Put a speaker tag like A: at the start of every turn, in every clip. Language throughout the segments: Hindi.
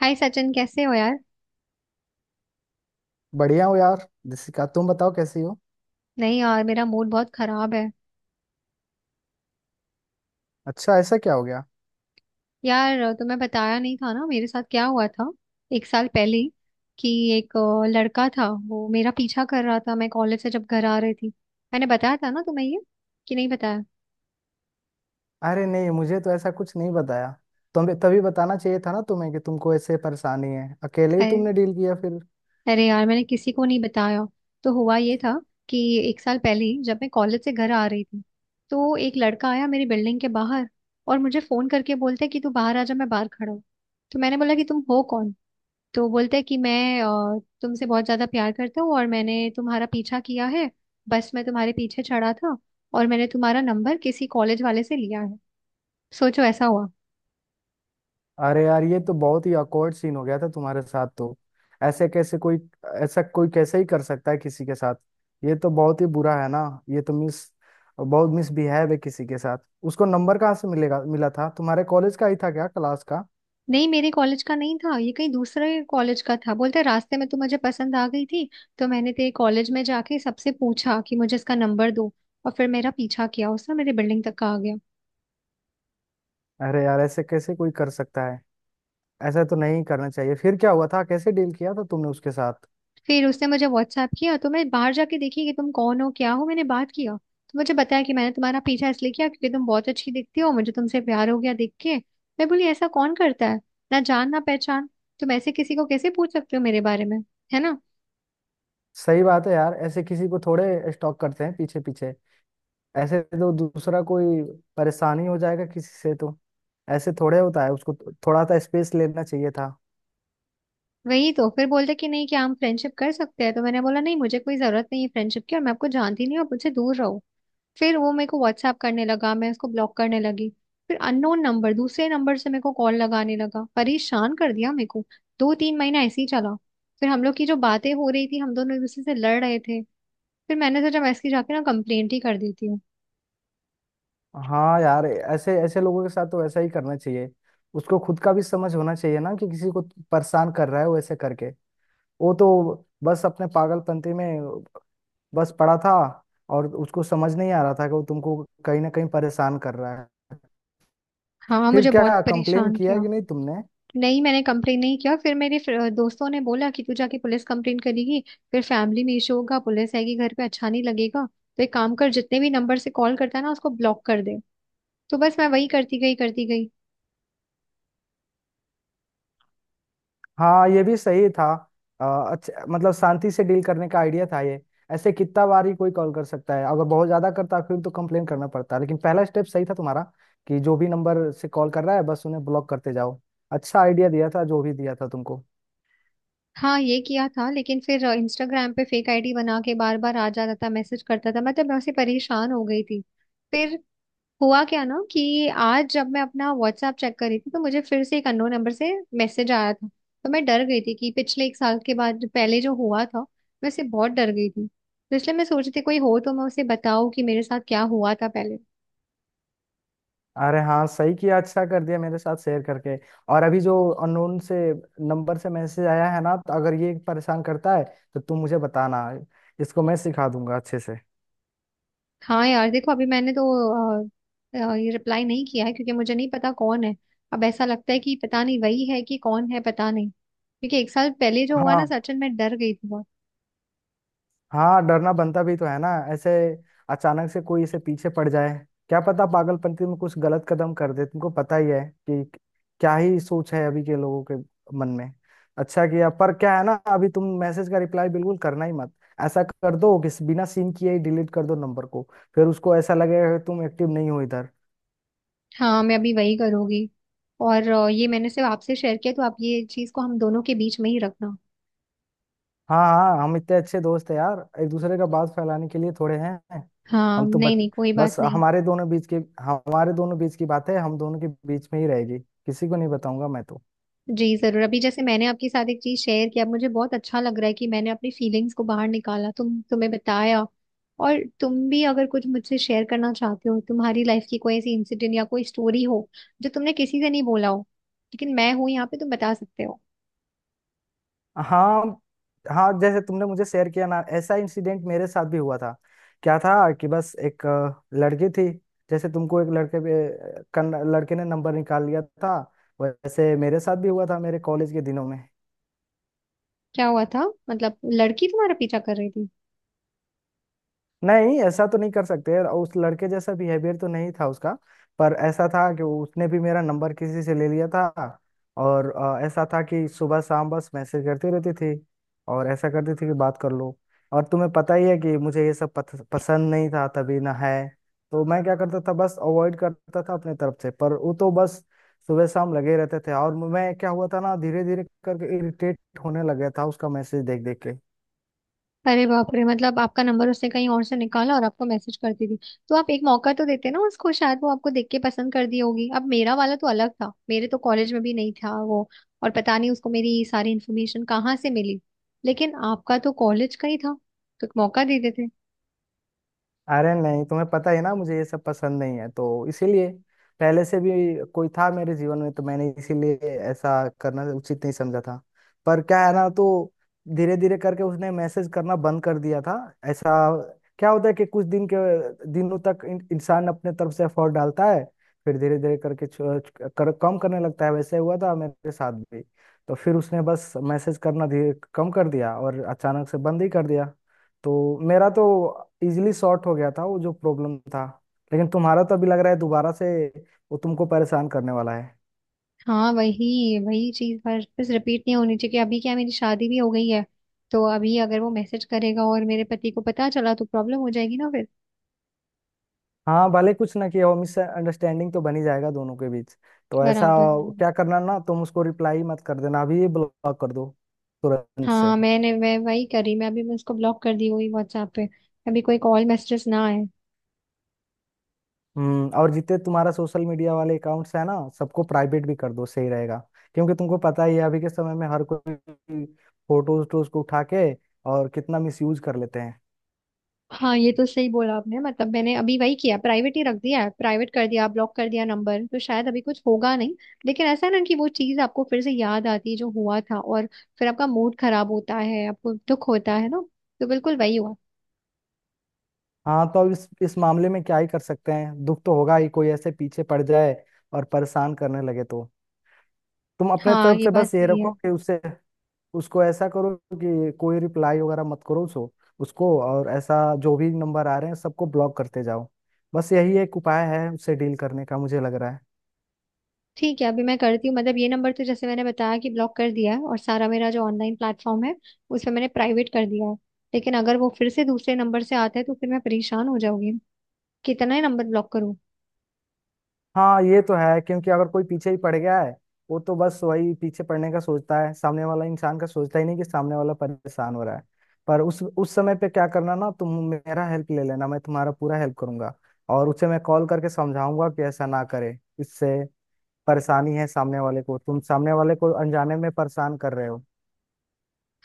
A: हाय सचिन कैसे हो यार।
B: बढ़िया हो यार दिसिका। तुम बताओ कैसी हो।
A: नहीं यार, मेरा मूड बहुत खराब है।
B: अच्छा, ऐसा क्या हो गया।
A: यार तुम्हें बताया नहीं था ना मेरे साथ क्या हुआ था एक साल पहले ही, कि एक लड़का था, वो मेरा पीछा कर रहा था मैं कॉलेज से जब घर आ रही थी। मैंने बताया था ना तुम्हें ये, कि नहीं बताया।
B: अरे नहीं, मुझे तो ऐसा कुछ नहीं बताया। तुम्हें तभी बताना चाहिए था ना तुम्हें कि तुमको ऐसे परेशानी है। अकेले ही
A: अरे,
B: तुमने डील किया फिर।
A: अरे यार, मैंने किसी को नहीं बताया। तो हुआ ये था कि एक साल पहले ही जब मैं कॉलेज से घर आ रही थी, तो एक लड़का आया मेरी बिल्डिंग के बाहर, और मुझे फोन करके बोलते कि तू बाहर आ जा, मैं बाहर खड़ा हूँ। तो मैंने बोला कि तुम हो कौन। तो बोलता है कि मैं तुमसे बहुत ज्यादा प्यार करता हूँ, और मैंने तुम्हारा पीछा किया है। बस मैं तुम्हारे पीछे चढ़ा था, और मैंने तुम्हारा नंबर किसी कॉलेज वाले से लिया है। सोचो ऐसा हुआ।
B: अरे यार, ये तो बहुत ही awkward सीन हो गया था तुम्हारे साथ तो। ऐसे कैसे कोई, ऐसा कोई कैसे ही कर सकता है किसी के साथ। ये तो बहुत ही बुरा है ना। ये तो मिस, बहुत मिसबिहेव है किसी के साथ। उसको नंबर कहाँ से मिलेगा, मिला था तुम्हारे कॉलेज का ही था क्या, क्लास का?
A: नहीं, मेरे कॉलेज का नहीं था ये, कहीं दूसरे कॉलेज का था। बोलता है रास्ते में तो मुझे पसंद आ गई थी, तो मैंने तेरे कॉलेज में जाके सबसे पूछा कि मुझे इसका नंबर दो। और फिर मेरा पीछा किया उसने, मेरे बिल्डिंग तक का आ गया।
B: अरे यार, ऐसे कैसे कोई कर सकता है। ऐसा तो नहीं करना चाहिए। फिर क्या हुआ था, कैसे डील किया था तुमने उसके साथ?
A: फिर उसने मुझे व्हाट्सएप किया तो मैं बाहर जाके देखी कि तुम कौन हो क्या हो। मैंने बात किया तो मुझे बताया कि मैंने तुम्हारा पीछा इसलिए किया क्योंकि तुम बहुत अच्छी दिखती हो, मुझे तुमसे प्यार हो गया देख के। मैं बोली ऐसा कौन करता है, ना जान ना पहचान, तुम ऐसे किसी को कैसे पूछ सकते हो मेरे बारे में, है ना।
B: सही बात है यार, ऐसे किसी को थोड़े स्टॉक करते हैं पीछे पीछे। ऐसे तो दूसरा कोई परेशानी हो जाएगा किसी से तो। ऐसे थोड़े होता है, उसको तो थोड़ा सा स्पेस लेना चाहिए था।
A: वही तो फिर बोलते कि नहीं कि हम फ्रेंडशिप कर सकते हैं, तो मैंने बोला नहीं, मुझे कोई जरूरत नहीं है फ्रेंडशिप की, और मैं आपको जानती नहीं हूँ, आप मुझसे दूर रहो। फिर वो मेरे को व्हाट्सएप करने लगा, मैं उसको ब्लॉक करने लगी। फिर अननोन नंबर, दूसरे नंबर से मेरे को कॉल लगाने लगा, परेशान कर दिया मेरे को। दो तीन महीना ऐसे ही चला। फिर हम लोग की जो बातें हो रही थी, हम दोनों एक दूसरे से लड़ रहे थे। फिर मैंने सोचा मैं इसकी जाके ना कंप्लेंट ही कर देती हूँ।
B: हाँ यार, ऐसे ऐसे लोगों के साथ तो ऐसा ही करना चाहिए। उसको खुद का भी समझ होना चाहिए ना कि किसी को परेशान कर रहा है वो ऐसे करके। वो तो बस अपने पागलपंती में बस पड़ा था और उसको समझ नहीं आ रहा था कि वो तुमको कहीं ना कहीं परेशान कर रहा है।
A: हाँ,
B: फिर
A: मुझे बहुत
B: क्या कंप्लेन
A: परेशान
B: किया
A: किया।
B: कि नहीं तुमने?
A: नहीं, मैंने कंप्लेन नहीं किया। फिर मेरे दोस्तों ने बोला कि तू जाके पुलिस कंप्लेन करेगी, फिर फैमिली में इशू होगा, पुलिस आएगी घर पे, अच्छा नहीं लगेगा। तो एक काम कर, जितने भी नंबर से कॉल करता है ना, उसको ब्लॉक कर दे। तो बस मैं वही करती गई, करती गई।
B: हाँ, ये भी सही था। अच्छा, मतलब शांति से डील करने का आइडिया था ये। ऐसे कितना बार ही कोई कॉल कर सकता है? अगर बहुत ज्यादा करता फिर तो कंप्लेन करना पड़ता, लेकिन पहला स्टेप सही था तुम्हारा कि जो भी नंबर से कॉल कर रहा है बस उन्हें ब्लॉक करते जाओ। अच्छा आइडिया दिया था जो भी दिया था तुमको।
A: हाँ ये किया था, लेकिन फिर इंस्टाग्राम पे फेक आईडी बना के बार बार आ जाता था, मैसेज करता था। मतलब मैं उससे परेशान हो गई थी। फिर हुआ क्या ना कि आज जब मैं अपना व्हाट्सएप चेक कर रही थी, तो मुझे फिर से एक अननोन नंबर से मैसेज आया था। तो मैं डर गई थी कि पिछले एक साल के बाद जो पहले जो हुआ था, मैं उससे बहुत डर गई थी। तो इसलिए मैं सोच रही थी कोई हो तो मैं उसे बताऊं कि मेरे साथ क्या हुआ था पहले।
B: अरे हाँ, सही किया, अच्छा कर दिया मेरे साथ शेयर करके। और अभी जो अननोन से नंबर से मैसेज आया है ना, तो अगर ये परेशान करता है तो तुम मुझे बताना, इसको मैं सिखा दूंगा अच्छे से।
A: हाँ यार देखो, अभी मैंने तो अ, ये रिप्लाई नहीं किया है, क्योंकि मुझे नहीं पता कौन है। अब ऐसा लगता है कि पता नहीं वही है कि कौन है, पता नहीं। क्योंकि एक साल पहले जो हुआ
B: हाँ,
A: ना सचिन, मैं डर गई थी बहुत।
B: हाँ डरना बनता भी तो है ना। ऐसे अचानक से कोई इसे पीछे पड़ जाए, क्या पता पागलपंती में कुछ गलत कदम कर दे। तुमको पता ही है कि क्या ही सोच है अभी के लोगों के मन में। अच्छा किया, पर क्या है ना, अभी तुम मैसेज का रिप्लाई बिल्कुल करना ही मत। ऐसा कर दो कि बिना सीन किए ही डिलीट कर दो नंबर को। फिर उसको ऐसा लगेगा कि तुम एक्टिव नहीं हो इधर।
A: हाँ, मैं अभी वही करूंगी। और ये मैंने सिर्फ आपसे शेयर किया, तो आप ये चीज को हम दोनों के बीच में ही रखना।
B: हाँ, हाँ हम इतने अच्छे दोस्त हैं यार, एक दूसरे का बात फैलाने के लिए थोड़े हैं।
A: हाँ,
B: हम तो
A: नहीं
B: बच,
A: नहीं, कोई बात
B: बस
A: नहीं।
B: हमारे दोनों बीच की, हमारे दोनों बीच की बात है, हम दोनों के बीच में ही रहेगी। किसी को नहीं बताऊंगा मैं तो।
A: जी जरूर। अभी जैसे मैंने आपके साथ एक चीज शेयर किया, मुझे बहुत अच्छा लग रहा है कि मैंने अपनी फीलिंग्स को बाहर निकाला, तुम्हें बताया। और तुम भी अगर कुछ मुझसे शेयर करना चाहते हो, तुम्हारी लाइफ की कोई ऐसी इंसिडेंट या कोई स्टोरी हो जो तुमने किसी से नहीं बोला हो, लेकिन मैं हूं यहाँ पे, तुम बता सकते हो।
B: हाँ, हाँ जैसे तुमने मुझे शेयर किया ना, ऐसा इंसिडेंट मेरे साथ भी हुआ था। क्या था कि बस एक लड़की थी। जैसे तुमको एक लड़के ने नंबर निकाल लिया था, वैसे मेरे साथ भी हुआ था मेरे कॉलेज के दिनों में।
A: क्या हुआ था, मतलब लड़की तुम्हारा पीछा कर रही थी।
B: नहीं, ऐसा तो नहीं कर सकते और उस लड़के जैसा बिहेवियर तो नहीं था उसका, पर ऐसा था कि उसने भी मेरा नंबर किसी से ले लिया था। और ऐसा था कि सुबह शाम बस मैसेज करती रहती थी और ऐसा करती थी कि बात कर लो। और तुम्हें पता ही है कि मुझे ये सब पसंद नहीं था तभी ना है। तो मैं क्या करता था, बस अवॉइड करता था अपने तरफ से, पर वो तो बस सुबह शाम लगे रहते थे। और मैं, क्या हुआ था ना, धीरे धीरे करके इरिटेट होने लगा था उसका मैसेज देख देख के।
A: अरे बाप रे, मतलब आपका नंबर उसने कहीं और से निकाला और आपको मैसेज करती थी। तो आप एक मौका तो देते ना उसको, शायद वो आपको देख के पसंद कर दी होगी। अब मेरा वाला तो अलग था, मेरे तो कॉलेज में भी नहीं था वो, और पता नहीं उसको मेरी सारी इन्फॉर्मेशन कहाँ से मिली। लेकिन आपका तो कॉलेज का ही था, तो एक मौका दे देते।
B: अरे नहीं, तुम्हें पता ही ना मुझे ये सब पसंद नहीं है, तो इसीलिए पहले से भी कोई था मेरे जीवन में, तो मैंने इसीलिए ऐसा करना उचित नहीं समझा था। पर क्या है ना, तो धीरे धीरे करके उसने मैसेज करना बंद कर दिया था। ऐसा क्या होता है कि कुछ दिनों तक इंसान अपने तरफ से एफर्ट डालता है, फिर धीरे धीरे करके कम करने लगता है। वैसे हुआ था मेरे साथ भी। तो फिर उसने बस मैसेज करना धीरे कम कर दिया और अचानक से बंद ही कर दिया। तो मेरा तो इजीली सॉर्ट हो गया था वो जो प्रॉब्लम था। लेकिन तुम्हारा तो अभी लग रहा है दोबारा से वो तुमको परेशान करने वाला है।
A: हाँ वही वही चीज, पर बस रिपीट नहीं होनी चाहिए, कि अभी क्या, मेरी शादी भी हो गई है, तो अभी अगर वो मैसेज करेगा और मेरे पति को पता चला तो प्रॉब्लम हो जाएगी ना फिर।
B: हाँ, भले कुछ ना किया हो मिसअंडरस्टैंडिंग तो बनी जाएगा दोनों के बीच। तो ऐसा
A: बराबर है।
B: क्या करना ना, तुम उसको रिप्लाई मत कर देना, अभी ही ब्लॉक कर दो तुरंत से।
A: हाँ, मैंने, मैं वही करी। मैं अभी मैं उसको ब्लॉक कर दी हुई व्हाट्सएप पे, अभी कोई कॉल मैसेजेस ना आए।
B: हम्म, और जितने तुम्हारा सोशल मीडिया वाले अकाउंट्स है ना, सबको प्राइवेट भी कर दो, सही रहेगा। क्योंकि तुमको पता ही है अभी के समय में हर कोई फोटोज टोज को उठा के और कितना मिसयूज कर लेते हैं।
A: हाँ ये तो सही बोला आपने। मतलब मैंने अभी वही किया, प्राइवेट ही रख दिया है, प्राइवेट कर दिया, ब्लॉक कर दिया नंबर, तो शायद अभी कुछ होगा नहीं। लेकिन ऐसा है ना कि वो चीज़ आपको फिर से याद आती है जो हुआ था, और फिर आपका मूड खराब होता है, आपको दुख होता है ना। तो बिल्कुल वही हुआ।
B: हाँ, तो अब इस मामले में क्या ही कर सकते हैं, दुख तो होगा ही। कोई ऐसे पीछे पड़ जाए और परेशान करने लगे तो तुम अपने
A: हाँ
B: तरफ
A: ये
B: से
A: बात
B: बस ये
A: सही
B: रखो
A: है।
B: कि उससे, उसको ऐसा करो कि कोई रिप्लाई वगैरह मत करो उसको। उसको और ऐसा, जो भी नंबर आ रहे हैं सबको ब्लॉक करते जाओ। बस यही एक उपाय है उससे डील करने का, मुझे लग रहा है।
A: ठीक है, अभी मैं करती हूँ। मतलब ये नंबर तो जैसे मैंने बताया कि ब्लॉक कर दिया है, और सारा मेरा जो ऑनलाइन प्लेटफॉर्म है उस पे मैंने प्राइवेट कर दिया है। लेकिन अगर वो फिर से दूसरे नंबर से आता है, तो फिर मैं परेशान हो जाऊंगी, कितना ही नंबर ब्लॉक करूँ।
B: हाँ, ये तो है क्योंकि अगर कोई पीछे ही पड़ गया है वो तो बस वही पीछे पड़ने का सोचता है, सामने वाला इंसान का सोचता ही नहीं कि सामने वाला परेशान हो रहा है। पर उस समय पे क्या करना ना, तुम मेरा हेल्प ले लेना, मैं तुम्हारा पूरा हेल्प करूंगा। और उसे मैं कॉल करके समझाऊंगा कि ऐसा ना करे, इससे परेशानी है सामने वाले को, तुम सामने वाले को अनजाने में परेशान कर रहे हो।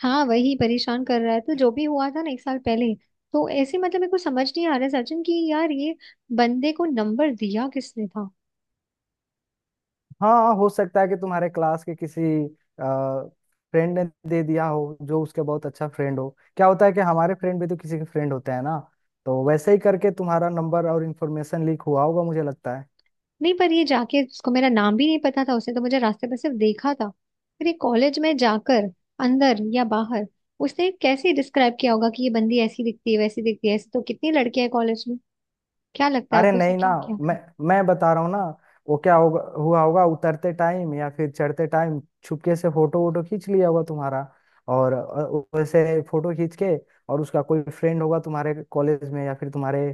A: हाँ वही परेशान कर रहा है, तो जो भी हुआ था ना एक साल पहले, तो ऐसे मतलब मेरे को समझ नहीं आ रहा है सचिन, कि यार ये बंदे को नंबर दिया किसने था।
B: हाँ, हो सकता है कि तुम्हारे क्लास के किसी फ्रेंड ने दे दिया हो, जो उसके बहुत अच्छा फ्रेंड हो। क्या होता है कि हमारे फ्रेंड भी तो किसी के फ्रेंड होते हैं ना, तो वैसे ही करके तुम्हारा नंबर और इन्फॉर्मेशन लीक हुआ होगा, मुझे लगता है।
A: नहीं पर ये जाके, उसको मेरा नाम भी नहीं पता था, उसने तो मुझे रास्ते पर सिर्फ देखा था। फिर ये कॉलेज में जाकर, अंदर या बाहर, उसने कैसे डिस्क्राइब किया होगा कि ये बंदी ऐसी दिखती है वैसी दिखती है, ऐसे तो कितनी लड़कियां हैं कॉलेज में। क्या लगता है
B: अरे
A: आपको, उसने
B: नहीं ना,
A: क्या किया
B: मैं
A: था।
B: मैं बता रहा हूँ ना, वो क्या होगा, हुआ होगा उतरते टाइम या फिर चढ़ते टाइम छुपके से फोटो वोटो खींच लिया होगा तुम्हारा। और वैसे फोटो खींच के और उसका कोई फ्रेंड होगा तुम्हारे कॉलेज में या फिर तुम्हारे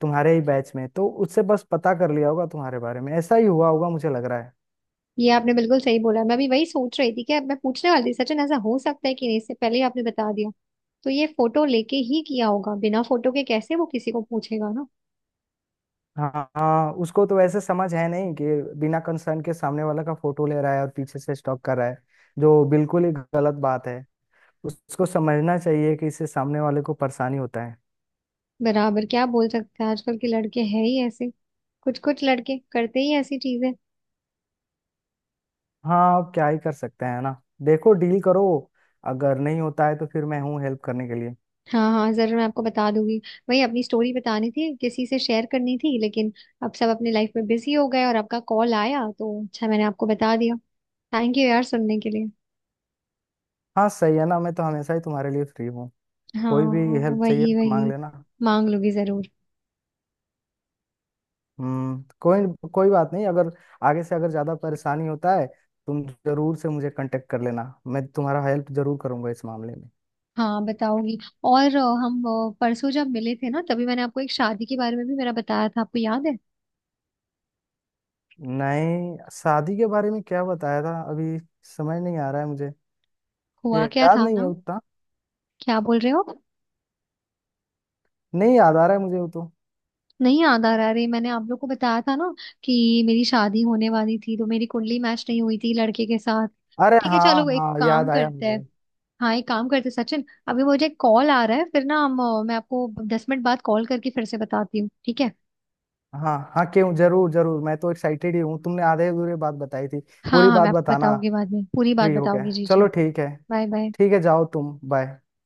B: तुम्हारे ही बैच में, तो उससे बस पता कर लिया होगा तुम्हारे बारे में। ऐसा ही हुआ होगा मुझे लग रहा है।
A: ये आपने बिल्कुल सही बोला, मैं भी वही सोच रही थी, कि अब मैं पूछने वाली थी सचिन, ऐसा हो सकता है कि नहीं, इससे पहले ही आपने बता दिया। तो ये फोटो लेके ही किया होगा, बिना फोटो के कैसे वो किसी को पूछेगा ना।
B: हाँ, हाँ उसको तो वैसे समझ है नहीं कि बिना कंसर्न के सामने वाला का फोटो ले रहा है और पीछे से स्टॉक कर रहा है, जो बिल्कुल ही गलत बात है। उसको समझना चाहिए कि इससे सामने वाले को परेशानी होता है।
A: बराबर, क्या बोल सकते हैं, आजकल के लड़के हैं ही ऐसे, कुछ कुछ लड़के करते ही ऐसी चीजें।
B: हाँ, अब क्या ही कर सकते हैं ना, देखो डील करो, अगर नहीं होता है तो फिर मैं हूँ हेल्प करने के लिए।
A: हाँ हाँ जरूर, मैं आपको बता दूंगी। वही अपनी स्टोरी बतानी थी, किसी से शेयर करनी थी, लेकिन अब सब अपने लाइफ में बिजी हो गए, और आपका कॉल आया तो अच्छा, मैंने आपको बता दिया। थैंक यू यार सुनने के लिए।
B: हाँ सही है ना, मैं तो हमेशा ही तुम्हारे लिए फ्री हूँ।
A: हाँ
B: कोई भी हेल्प चाहिए
A: वही
B: तो मांग
A: वही,
B: लेना।
A: मांग लूंगी जरूर।
B: हम्म, कोई कोई बात नहीं, अगर आगे से अगर ज्यादा परेशानी होता है तुम जरूर से मुझे कांटेक्ट कर लेना, मैं तुम्हारा हेल्प जरूर करूंगा इस मामले में।
A: हाँ बताऊंगी। और हम परसों जब मिले थे ना, तभी मैंने आपको एक शादी के बारे में भी मेरा बताया था, आपको याद है।
B: नहीं, शादी के बारे में क्या बताया था अभी, समझ नहीं आ रहा है मुझे। ये
A: हुआ क्या
B: याद
A: था
B: नहीं है
A: ना,
B: उतना।
A: क्या बोल रहे हो,
B: नहीं याद आ रहा है मुझे वो तो।
A: नहीं याद आ रहा। अरे मैंने आप लोग को बताया था ना, कि मेरी शादी होने वाली थी तो मेरी कुंडली मैच नहीं हुई थी लड़के के साथ।
B: अरे
A: ठीक है
B: हाँ,
A: चलो, एक
B: हाँ
A: काम
B: याद आया
A: करते हैं।
B: मुझे।
A: हाँ एक काम करते हैं सचिन, अभी मुझे कॉल आ रहा है, फिर ना हम मैं आपको 10 मिनट बाद कॉल करके फिर से बताती हूँ, ठीक है।
B: हाँ, हाँ क्यों, जरूर जरूर, मैं तो एक्साइटेड ही हूँ, तुमने आधे अधूरे बात बताई थी।
A: हाँ
B: पूरी
A: हाँ, मैं
B: बात
A: आपको
B: बताना
A: बताऊंगी, बाद में पूरी बात
B: फ्री होके।
A: बताऊंगी, जी
B: चलो
A: जी।
B: ठीक है।
A: Bye bye.
B: ठीक है, जाओ तुम, बाय।